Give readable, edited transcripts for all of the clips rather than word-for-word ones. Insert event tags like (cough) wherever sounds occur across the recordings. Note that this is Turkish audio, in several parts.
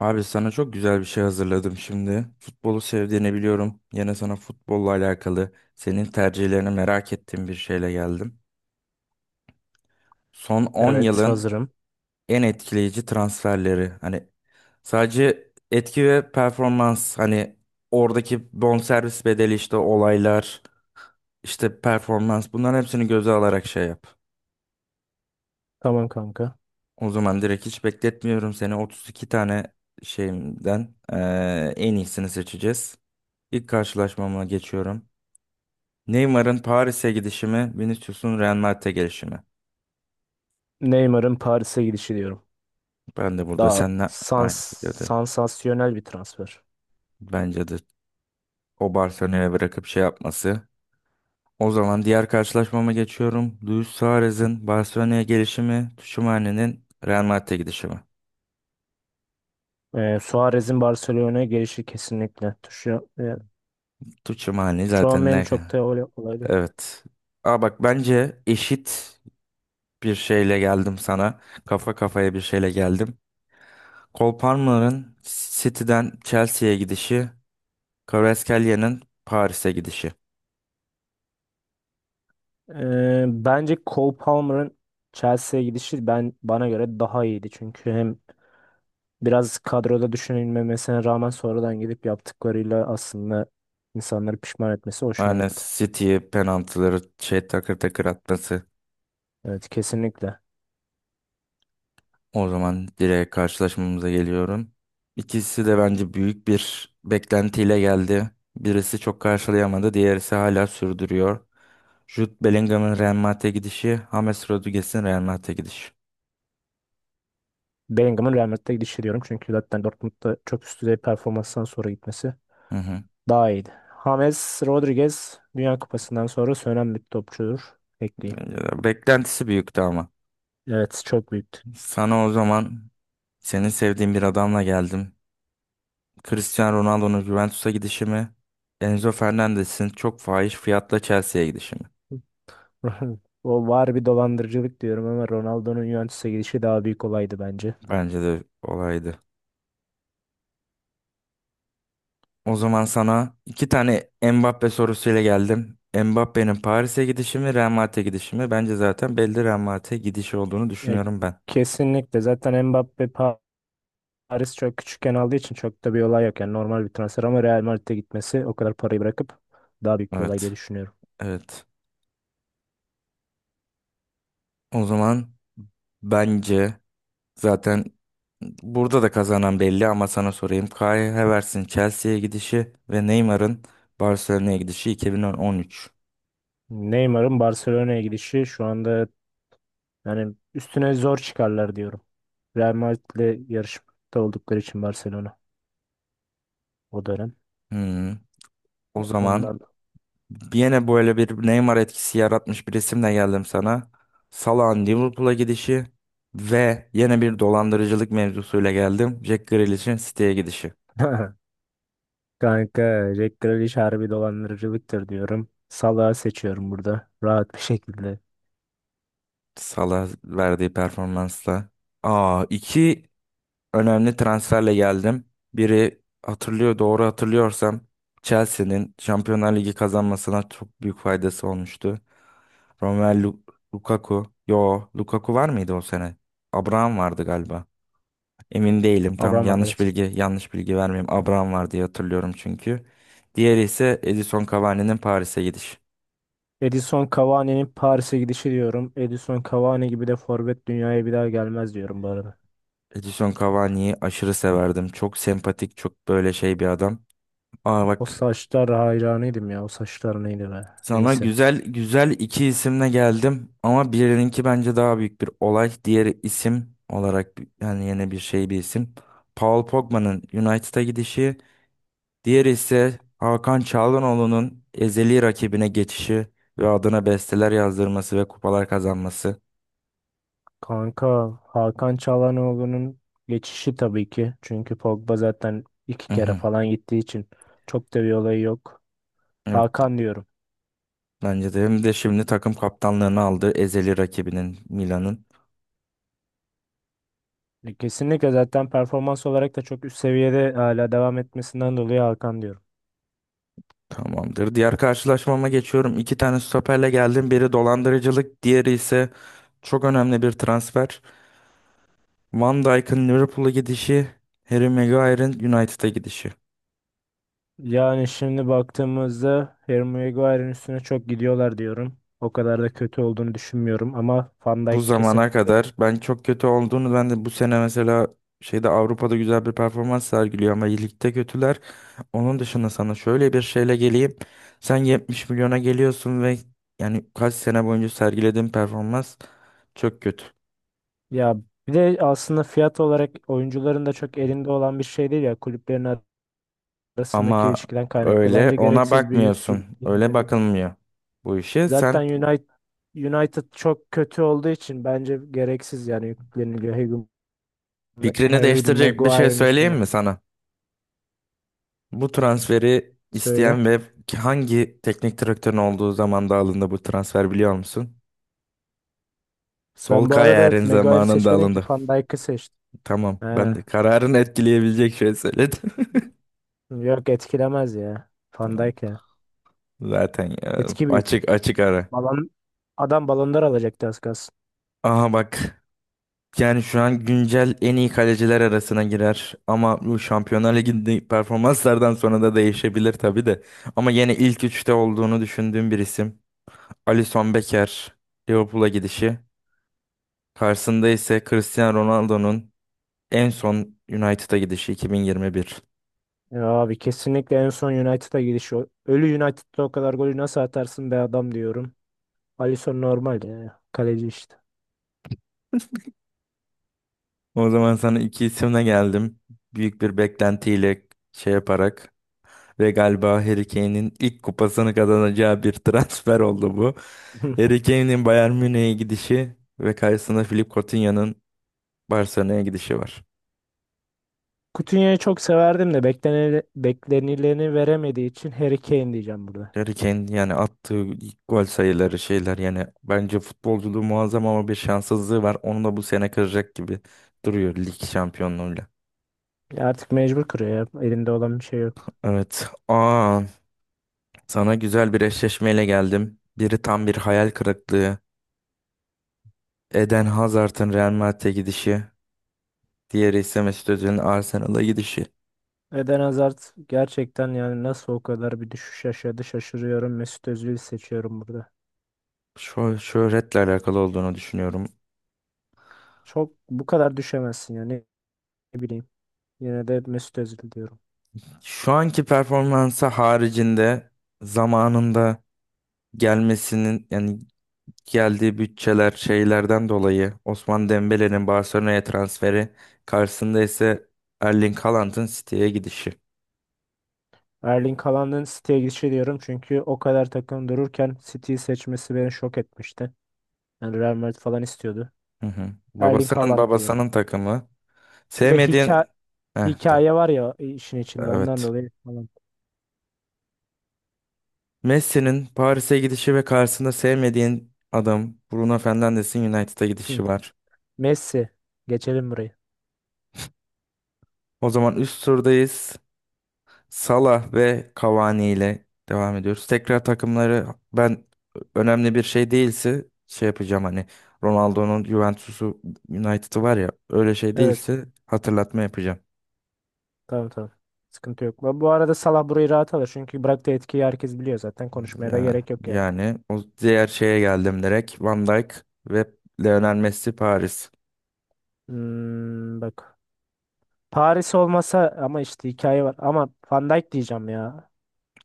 Abi sana çok güzel bir şey hazırladım şimdi. Futbolu sevdiğini biliyorum. Yine sana futbolla alakalı senin tercihlerini merak ettiğim bir şeyle geldim. Son 10 Evet, yılın hazırım. en etkileyici transferleri. Hani sadece etki ve performans hani oradaki bonservis bedeli işte olaylar işte performans bunların hepsini göze alarak şey yap. Tamam kanka. O zaman direkt hiç bekletmiyorum seni 32 tane şeyimden en iyisini seçeceğiz. İlk karşılaşmama geçiyorum. Neymar'ın Paris'e gidişi mi, Vinicius'un Real Madrid'e gelişi mi? Neymar'ın Paris'e gidişi diyorum. Ben de burada Daha seninle aynı fikirdeyim. sansasyonel bir transfer. Bence de o Barcelona'ya bırakıp şey yapması. O zaman diğer karşılaşmama geçiyorum. Luis Suarez'in Barcelona'ya gelişi mi, Tchouaméni'nin Real Madrid'e gidişi mi? Suarez'in Barcelona'ya gelişi kesinlikle. Tchouaméni zaten Tchouaméni ne? çok da öyle olaydı. Evet. Aa bak bence eşit bir şeyle geldim sana. Kafa kafaya bir şeyle geldim. Cole Palmer'ın City'den Chelsea'ye gidişi, Kvaratskhelia Paris'e gidişi. Bence Cole Palmer'ın Chelsea'ye gidişi ben bana göre daha iyiydi. Çünkü hem biraz kadroda düşünülmemesine rağmen sonradan gidip yaptıklarıyla aslında insanları pişman etmesi hoşuma Yani gitti. City'ye penaltıları şey takır takır atması. Evet, kesinlikle. O zaman direkt karşılaşmamıza geliyorum. İkisi de bence büyük bir beklentiyle geldi. Birisi çok karşılayamadı, diğerisi hala sürdürüyor. Jude Bellingham'ın Real Madrid'e gidişi, James Rodriguez'in Real Madrid'e gidişi. Bellingham'ın Real Madrid'e gidişi diyorum. Çünkü zaten Dortmund'da çok üst düzey performanstan sonra gitmesi Hı hı. daha iyiydi. James Rodriguez Dünya Kupası'ndan sonra sönen bir topçudur. Ekleyeyim. Beklentisi büyüktü ama. Evet, çok büyüktü. Sana o zaman senin sevdiğin bir adamla geldim. Cristiano Ronaldo'nun Juventus'a gidişi mi? Enzo Fernandez'in çok fahiş fiyatla Chelsea'ye gidişi mi? (laughs) O var, bir dolandırıcılık diyorum ama Ronaldo'nun Juventus'a gidişi daha büyük olaydı bence. Bence de olaydı. O zaman sana iki tane Mbappe sorusuyla geldim. Mbappe'nin Paris'e gidişi mi, Real Madrid'e gidişi mi? Bence zaten belli Real Madrid'e gidişi olduğunu Ya, düşünüyorum ben. kesinlikle zaten Mbappe Paris çok küçükken aldığı için çok da bir olay yok. Yani normal bir transfer ama Real Madrid'e gitmesi, o kadar parayı bırakıp daha büyük bir olay diye Evet, düşünüyorum. evet. O zaman bence zaten burada da kazanan belli ama sana sorayım. Kai Havertz'in Chelsea'ye gidişi ve Neymar'ın Barcelona'ya gidişi 2013. Neymar'ın Barcelona'ya gidişi şu anda hani üstüne zor çıkarlar diyorum. Real Madrid'le yarışmakta oldukları için Barcelona o dönem. Hmm. O zaman Ondan. yine böyle bir Neymar etkisi yaratmış bir resimle geldim sana. Salah'ın Liverpool'a gidişi ve yine bir dolandırıcılık mevzusuyla geldim. Jack Grealish'in City'ye gidişi. (laughs) Kanka, Jack Grealish harbi dolandırıcılıktır diyorum. Salah'ı seçiyorum burada rahat bir şekilde. Salah verdiği performansla. Aa, iki önemli transferle geldim. Biri hatırlıyor doğru hatırlıyorsam Chelsea'nin Şampiyonlar Ligi kazanmasına çok büyük faydası olmuştu. Romelu Lukaku. Yo, Lukaku var mıydı o sene? Abraham vardı galiba. Emin değilim tam. Abraham Arbeloa. Yanlış bilgi vermeyeyim. Abraham var diye hatırlıyorum çünkü. Diğeri ise Edison Cavani'nin Paris'e gidiş. Edison Cavani'nin Paris'e gidişi diyorum. Edison Cavani gibi de forvet dünyaya bir daha gelmez diyorum bu arada. Edison Cavani'yi aşırı severdim. Çok sempatik, çok böyle şey bir adam. Aa O bak saçlar, hayranıydım ya. O saçlar neydi be? sana Neyse. güzel güzel iki isimle geldim ama birininki bence daha büyük bir olay. Diğeri isim olarak yani yine bir şey bir isim. Paul Pogba'nın United'a gidişi. Diğeri ise Hakan Çalhanoğlu'nun ezeli rakibine geçişi ve adına besteler yazdırması ve kupalar kazanması. Kanka, Hakan Çalhanoğlu'nun geçişi tabii ki. Çünkü Pogba zaten iki Hı kere hı. falan gittiği için çok da bir olayı yok. Evet, Hakan diyorum. bence de hem de şimdi takım kaptanlığını aldı ezeli rakibinin Milan'ın. E, kesinlikle zaten performans olarak da çok üst seviyede hala devam etmesinden dolayı Hakan diyorum. Tamamdır. Diğer karşılaşmama geçiyorum. İki tane stoperle geldim. Biri dolandırıcılık, diğeri ise çok önemli bir transfer. Van Dijk'ın Liverpool'a gidişi, Harry Maguire'ın United'a gidişi. Yani şimdi baktığımızda Harry Maguire'ın üstüne çok gidiyorlar diyorum. O kadar da kötü olduğunu düşünmüyorum ama Van Bu Dijk zamana kesinlikle. kadar ben çok kötü olduğunu ben de bu sene mesela şeyde Avrupa'da güzel bir performans sergiliyor ama ligde kötüler. Onun dışında sana şöyle bir şeyle geleyim. Sen 70 milyona geliyorsun ve yani kaç sene boyunca sergilediğin performans çok kötü. Ya, bir de aslında fiyat olarak oyuncuların da çok elinde olan bir şey değil ya, kulüplerin arasındaki Ama ilişkiden kaynaklı. öyle Bence ona gereksiz bir yük bakmıyorsun. Öyle bindirildi. bakılmıyor bu işe. Zaten Sen United çok kötü olduğu için bence gereksiz yani yükleniliyor Harry, fikrini Harry değiştirecek bir şey Maguire'ın söyleyeyim üstüne. mi sana? Bu transferi Söyle. isteyen ve hangi teknik direktörün olduğu zamanda alındı bu transfer biliyor musun? Sol Ben bu arada kararın Maguire'ı zamanında seçmedim ki, alındı. Van Dijk'ı seçtim. Tamam. Ben de Ha. kararını etkileyebilecek şey söyledim. Yok, etkilemez ya. (laughs) Van Tamam. Dijk ya. Zaten ya, Etki büyük. açık açık ara. Balon, adam balonlar alacaktı az kalsın. Aha bak. Yani şu an güncel en iyi kaleciler arasına girer. Ama bu Şampiyonlar Ligi'ndeki performanslardan sonra da değişebilir tabii de. Ama yine ilk üçte olduğunu düşündüğüm bir isim. Alisson Becker. Liverpool'a gidişi. Karşısında ise Cristiano Ronaldo'nun en son United'a gidişi 2021. Ya abi, kesinlikle en son United'a gidişi. Ölü United'da o kadar golü nasıl atarsın be adam diyorum. Alisson normal ya. Kaleci işte. O zaman sana iki isimle geldim. Büyük bir beklentiyle şey yaparak ve galiba Harry Kane'in ilk kupasını kazanacağı bir (laughs) transfer oldu bu. (laughs) Harry Kane'in Bayern Münih'e gidişi ve karşısında Philipp Coutinho'nun Barcelona'ya gidişi var. Coutinho'yu çok severdim de beklenileni veremediği için Harry Kane diyeceğim burada. Harry Kane yani attığı ilk gol sayıları şeyler yani bence futbolculuğu muazzam ama bir şanssızlığı var. Onu da bu sene kıracak gibi duruyor lig şampiyonluğuyla. Ya artık mecbur kırıyor ya. Elinde olan bir şey yok. Evet. Aa, sana güzel bir eşleşmeyle geldim. Biri tam bir hayal kırıklığı. Eden Hazard'ın Real Madrid'e gidişi, diğeri ise Mesut Özil'in Arsenal'a gidişi. Eden Hazard gerçekten, yani nasıl o kadar bir düşüş yaşadı şaşırıyorum. Mesut Özil'i seçiyorum burada. Şu şöhretle alakalı olduğunu düşünüyorum. Çok bu kadar düşemezsin ya, ne bileyim. Yine de Mesut Özil diyorum. Şu anki performansı haricinde zamanında gelmesinin yani geldiği bütçeler şeylerden dolayı Osman Dembele'nin Barcelona'ya transferi karşısında ise Erling Haaland'ın City'ye gidişi. Erling Haaland'ın City'ye gidişi diyorum çünkü o kadar takım dururken City'yi seçmesi beni şok etmişti. Yani Real Madrid falan istiyordu. Hı hı. Erling Babasının Haaland diyorum. babasının takımı. Bir de hikaye. Sevmediğin... Heh, Hikaye var ya işin içinde, ondan evet. dolayı falan. Messi'nin Paris'e gidişi ve karşısında sevmediğin adam Bruno Fernandes'in United'a gidişi Hı. var. Messi. Geçelim burayı. O zaman üst turdayız. Salah ve Cavani ile devam ediyoruz. Tekrar takımları ben önemli bir şey değilse şey yapacağım hani Ronaldo'nun Juventus'u United'ı var ya öyle şey Evet. değilse hatırlatma yapacağım. Tamam, tamam. Sıkıntı yok. Bu, bu arada Salah burayı rahat alır. Çünkü bıraktığı etkiyi herkes biliyor zaten. Konuşmaya da Ya, gerek yok yani. yani o diğer şeye geldim direkt Van Dijk ve Lionel Messi Paris. Bak. Paris olmasa ama işte hikaye var. Ama Van Dijk diyeceğim ya.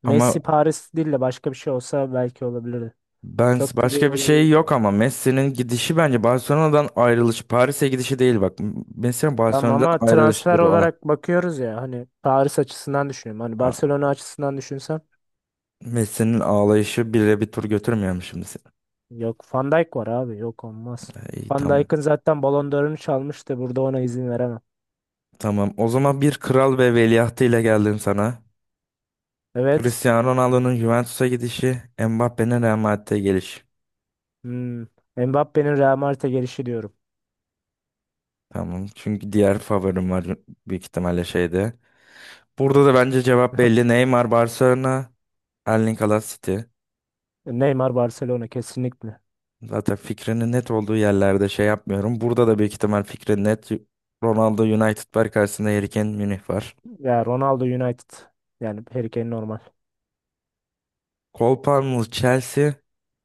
Ama Messi Paris değil de başka bir şey olsa belki olabilirdi. ben Çok da bir başka bir olay şey yok ya. yok ama Messi'nin gidişi bence Barcelona'dan ayrılış, Paris'e gidişi değil bak. Messi'nin Tamam Barcelona'dan ama ayrılışı transfer bir olay. olarak bakıyoruz ya, hani Paris açısından düşünüyorum. Hani A- Barcelona açısından düşünsem. Messi'nin ağlayışı bile bir tur götürmüyor şimdi seni? Yok, Van Dijk var abi. Yok, olmaz. E, İyi Van tamam. Dijk'ın zaten Ballon d'Or'unu çalmıştı. Burada ona izin veremem. Tamam. O zaman bir kral ve veliahtı ile geldim sana. Evet. Cristiano Ronaldo'nun Juventus'a gidişi, Mbappé'nin Real Madrid'e gelişi. Hmm. Mbappe'nin Real Madrid'e gelişi diyorum. Tamam. Çünkü diğer favorim var büyük ihtimalle şeyde. Burada da bence cevap belli. Neymar Barcelona, Erling Haaland City. Neymar Barcelona kesinlikle. Zaten fikrinin net olduğu yerlerde şey yapmıyorum. Burada da büyük ihtimal fikrin net. Ronaldo United var karşısında Harry Kane Münih var. Ya Ronaldo United. Yani Harry Kane normal. Cole Palmer Chelsea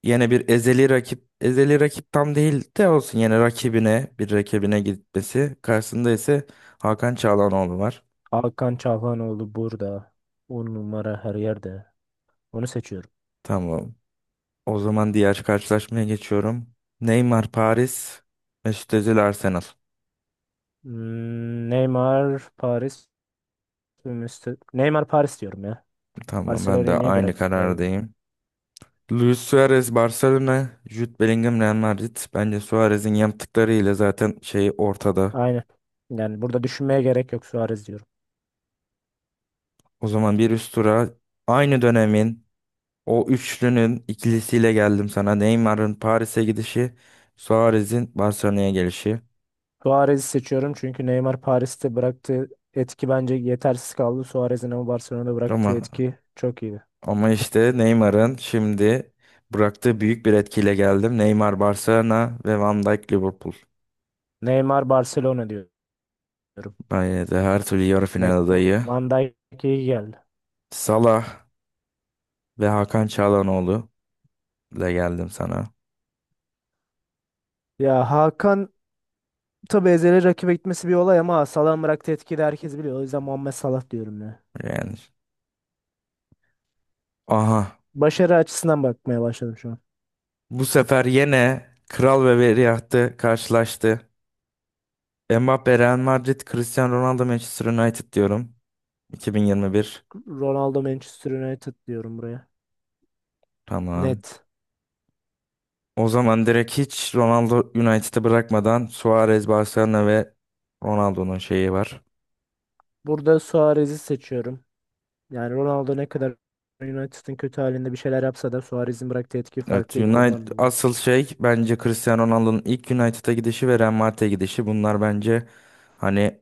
yine bir ezeli rakip. Ezeli rakip tam değil de olsun yine rakibine bir rakibine gitmesi. Karşısında ise Hakan Çalhanoğlu var. Hakan Çalhanoğlu burada. On numara her yerde. Onu seçiyorum. Tamam. O zaman diğer karşılaşmaya geçiyorum. Neymar Paris, Mesut Özil Arsenal. Neymar Paris. Neymar Paris diyorum ya. Tamam ben de Barcelona'yı niye aynı bıraktım be? karardayım. Luis Suarez Barcelona, Jude Bellingham Real Madrid. Bence Suarez'in yaptıklarıyla zaten şey ortada. Aynen. Yani burada düşünmeye gerek yok, Suarez diyorum. O zaman bir üst tura aynı dönemin o üçlünün ikilisiyle geldim sana. Neymar'ın Paris'e gidişi, Suarez'in Barcelona'ya gelişi. Suarez'i seçiyorum çünkü Neymar Paris'te bıraktığı etki bence yetersiz kaldı. Suarez'in ama Barcelona'da Ama bıraktığı etki çok iyiydi. ama işte Neymar'ın şimdi bıraktığı büyük bir etkiyle geldim. Neymar Barcelona ve Van Dijk Liverpool. Neymar Barcelona diyorum. Bence de her türlü yarı Ne, final adayı. Van Dijk iyi geldi. Salah ve Hakan Çalhanoğlu ile geldim sana. Ya Hakan, tabii ezeli rakibe gitmesi bir olay ama Salah'ın bıraktığı etkiyi de herkes biliyor. O yüzden Muhammed Salah diyorum ya. Yani. Aha. Başarı açısından bakmaya başladım şu an. Bu sefer yine Kral ve Veliahtı karşılaştı. Mbappe Real Madrid, Cristiano Ronaldo Manchester United diyorum. 2021. Ronaldo Manchester United diyorum buraya. Tamam. Net. O zaman direkt hiç Ronaldo United'ı bırakmadan Suarez, Barcelona ve Ronaldo'nun şeyi var. Burada Suarez'i seçiyorum. Yani Ronaldo ne kadar United'ın kötü halinde bir şeyler yapsa da Suarez'in bıraktığı etki Evet, farklıydı, United ondan dolayı. asıl şey bence Cristiano Ronaldo'nun ilk United'a gidişi ve Real Madrid'e gidişi. Bunlar bence hani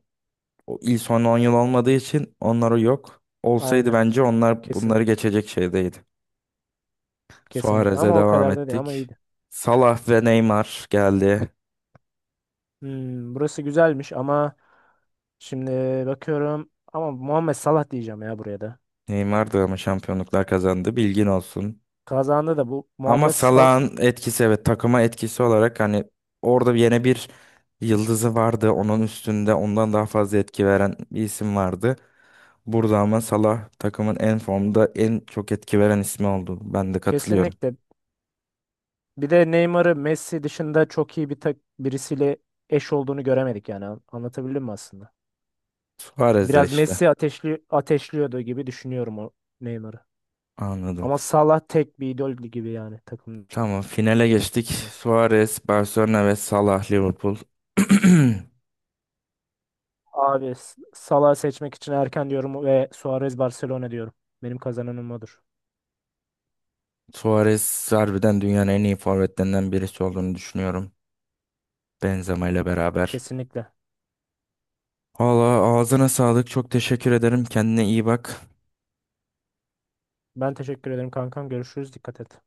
o ilk son 10 yıl olmadığı için onları yok. Olsaydı Aynen. bence onlar Kesin, bunları geçecek şeydeydi. Kesinlikle. Suarez'e Ama o devam kadar da değil, ama ettik. iyiydi. Salah ve Neymar geldi. Burası güzelmiş ama şimdi bakıyorum, ama Muhammed Salah diyeceğim ya buraya da. Neymar da ama şampiyonluklar kazandı. Bilgin olsun. Kazandı da bu Ama Muhammed Salah Salah'ın etkisi evet takıma etkisi olarak hani orada yine bir yıldızı vardı. Onun üstünde ondan daha fazla etki veren bir isim vardı. Burada ama Salah takımın en formda en çok etki veren ismi oldu. Ben de katılıyorum. kesinlikle. Bir de Neymar'ı Messi dışında çok iyi bir birisiyle eş olduğunu göremedik yani. Anlatabildim mi aslında? Suarez de Biraz işte. Messi ateşliyordu gibi düşünüyorum o Neymar'ı. Anladım. Ama Salah tek bir idol gibi yani takımda. Tamam finale geçtik. Suarez, Barcelona ve Salah, Liverpool. (clears throat) Abi, Salah'ı seçmek için erken diyorum ve Suarez Barcelona diyorum. Benim kazananım odur. Suarez harbiden dünyanın en iyi forvetlerinden birisi olduğunu düşünüyorum. Benzema ile beraber. Kesinlikle. Valla ağzına sağlık. Çok teşekkür ederim. Kendine iyi bak. Ben teşekkür ederim kankam. Görüşürüz. Dikkat et.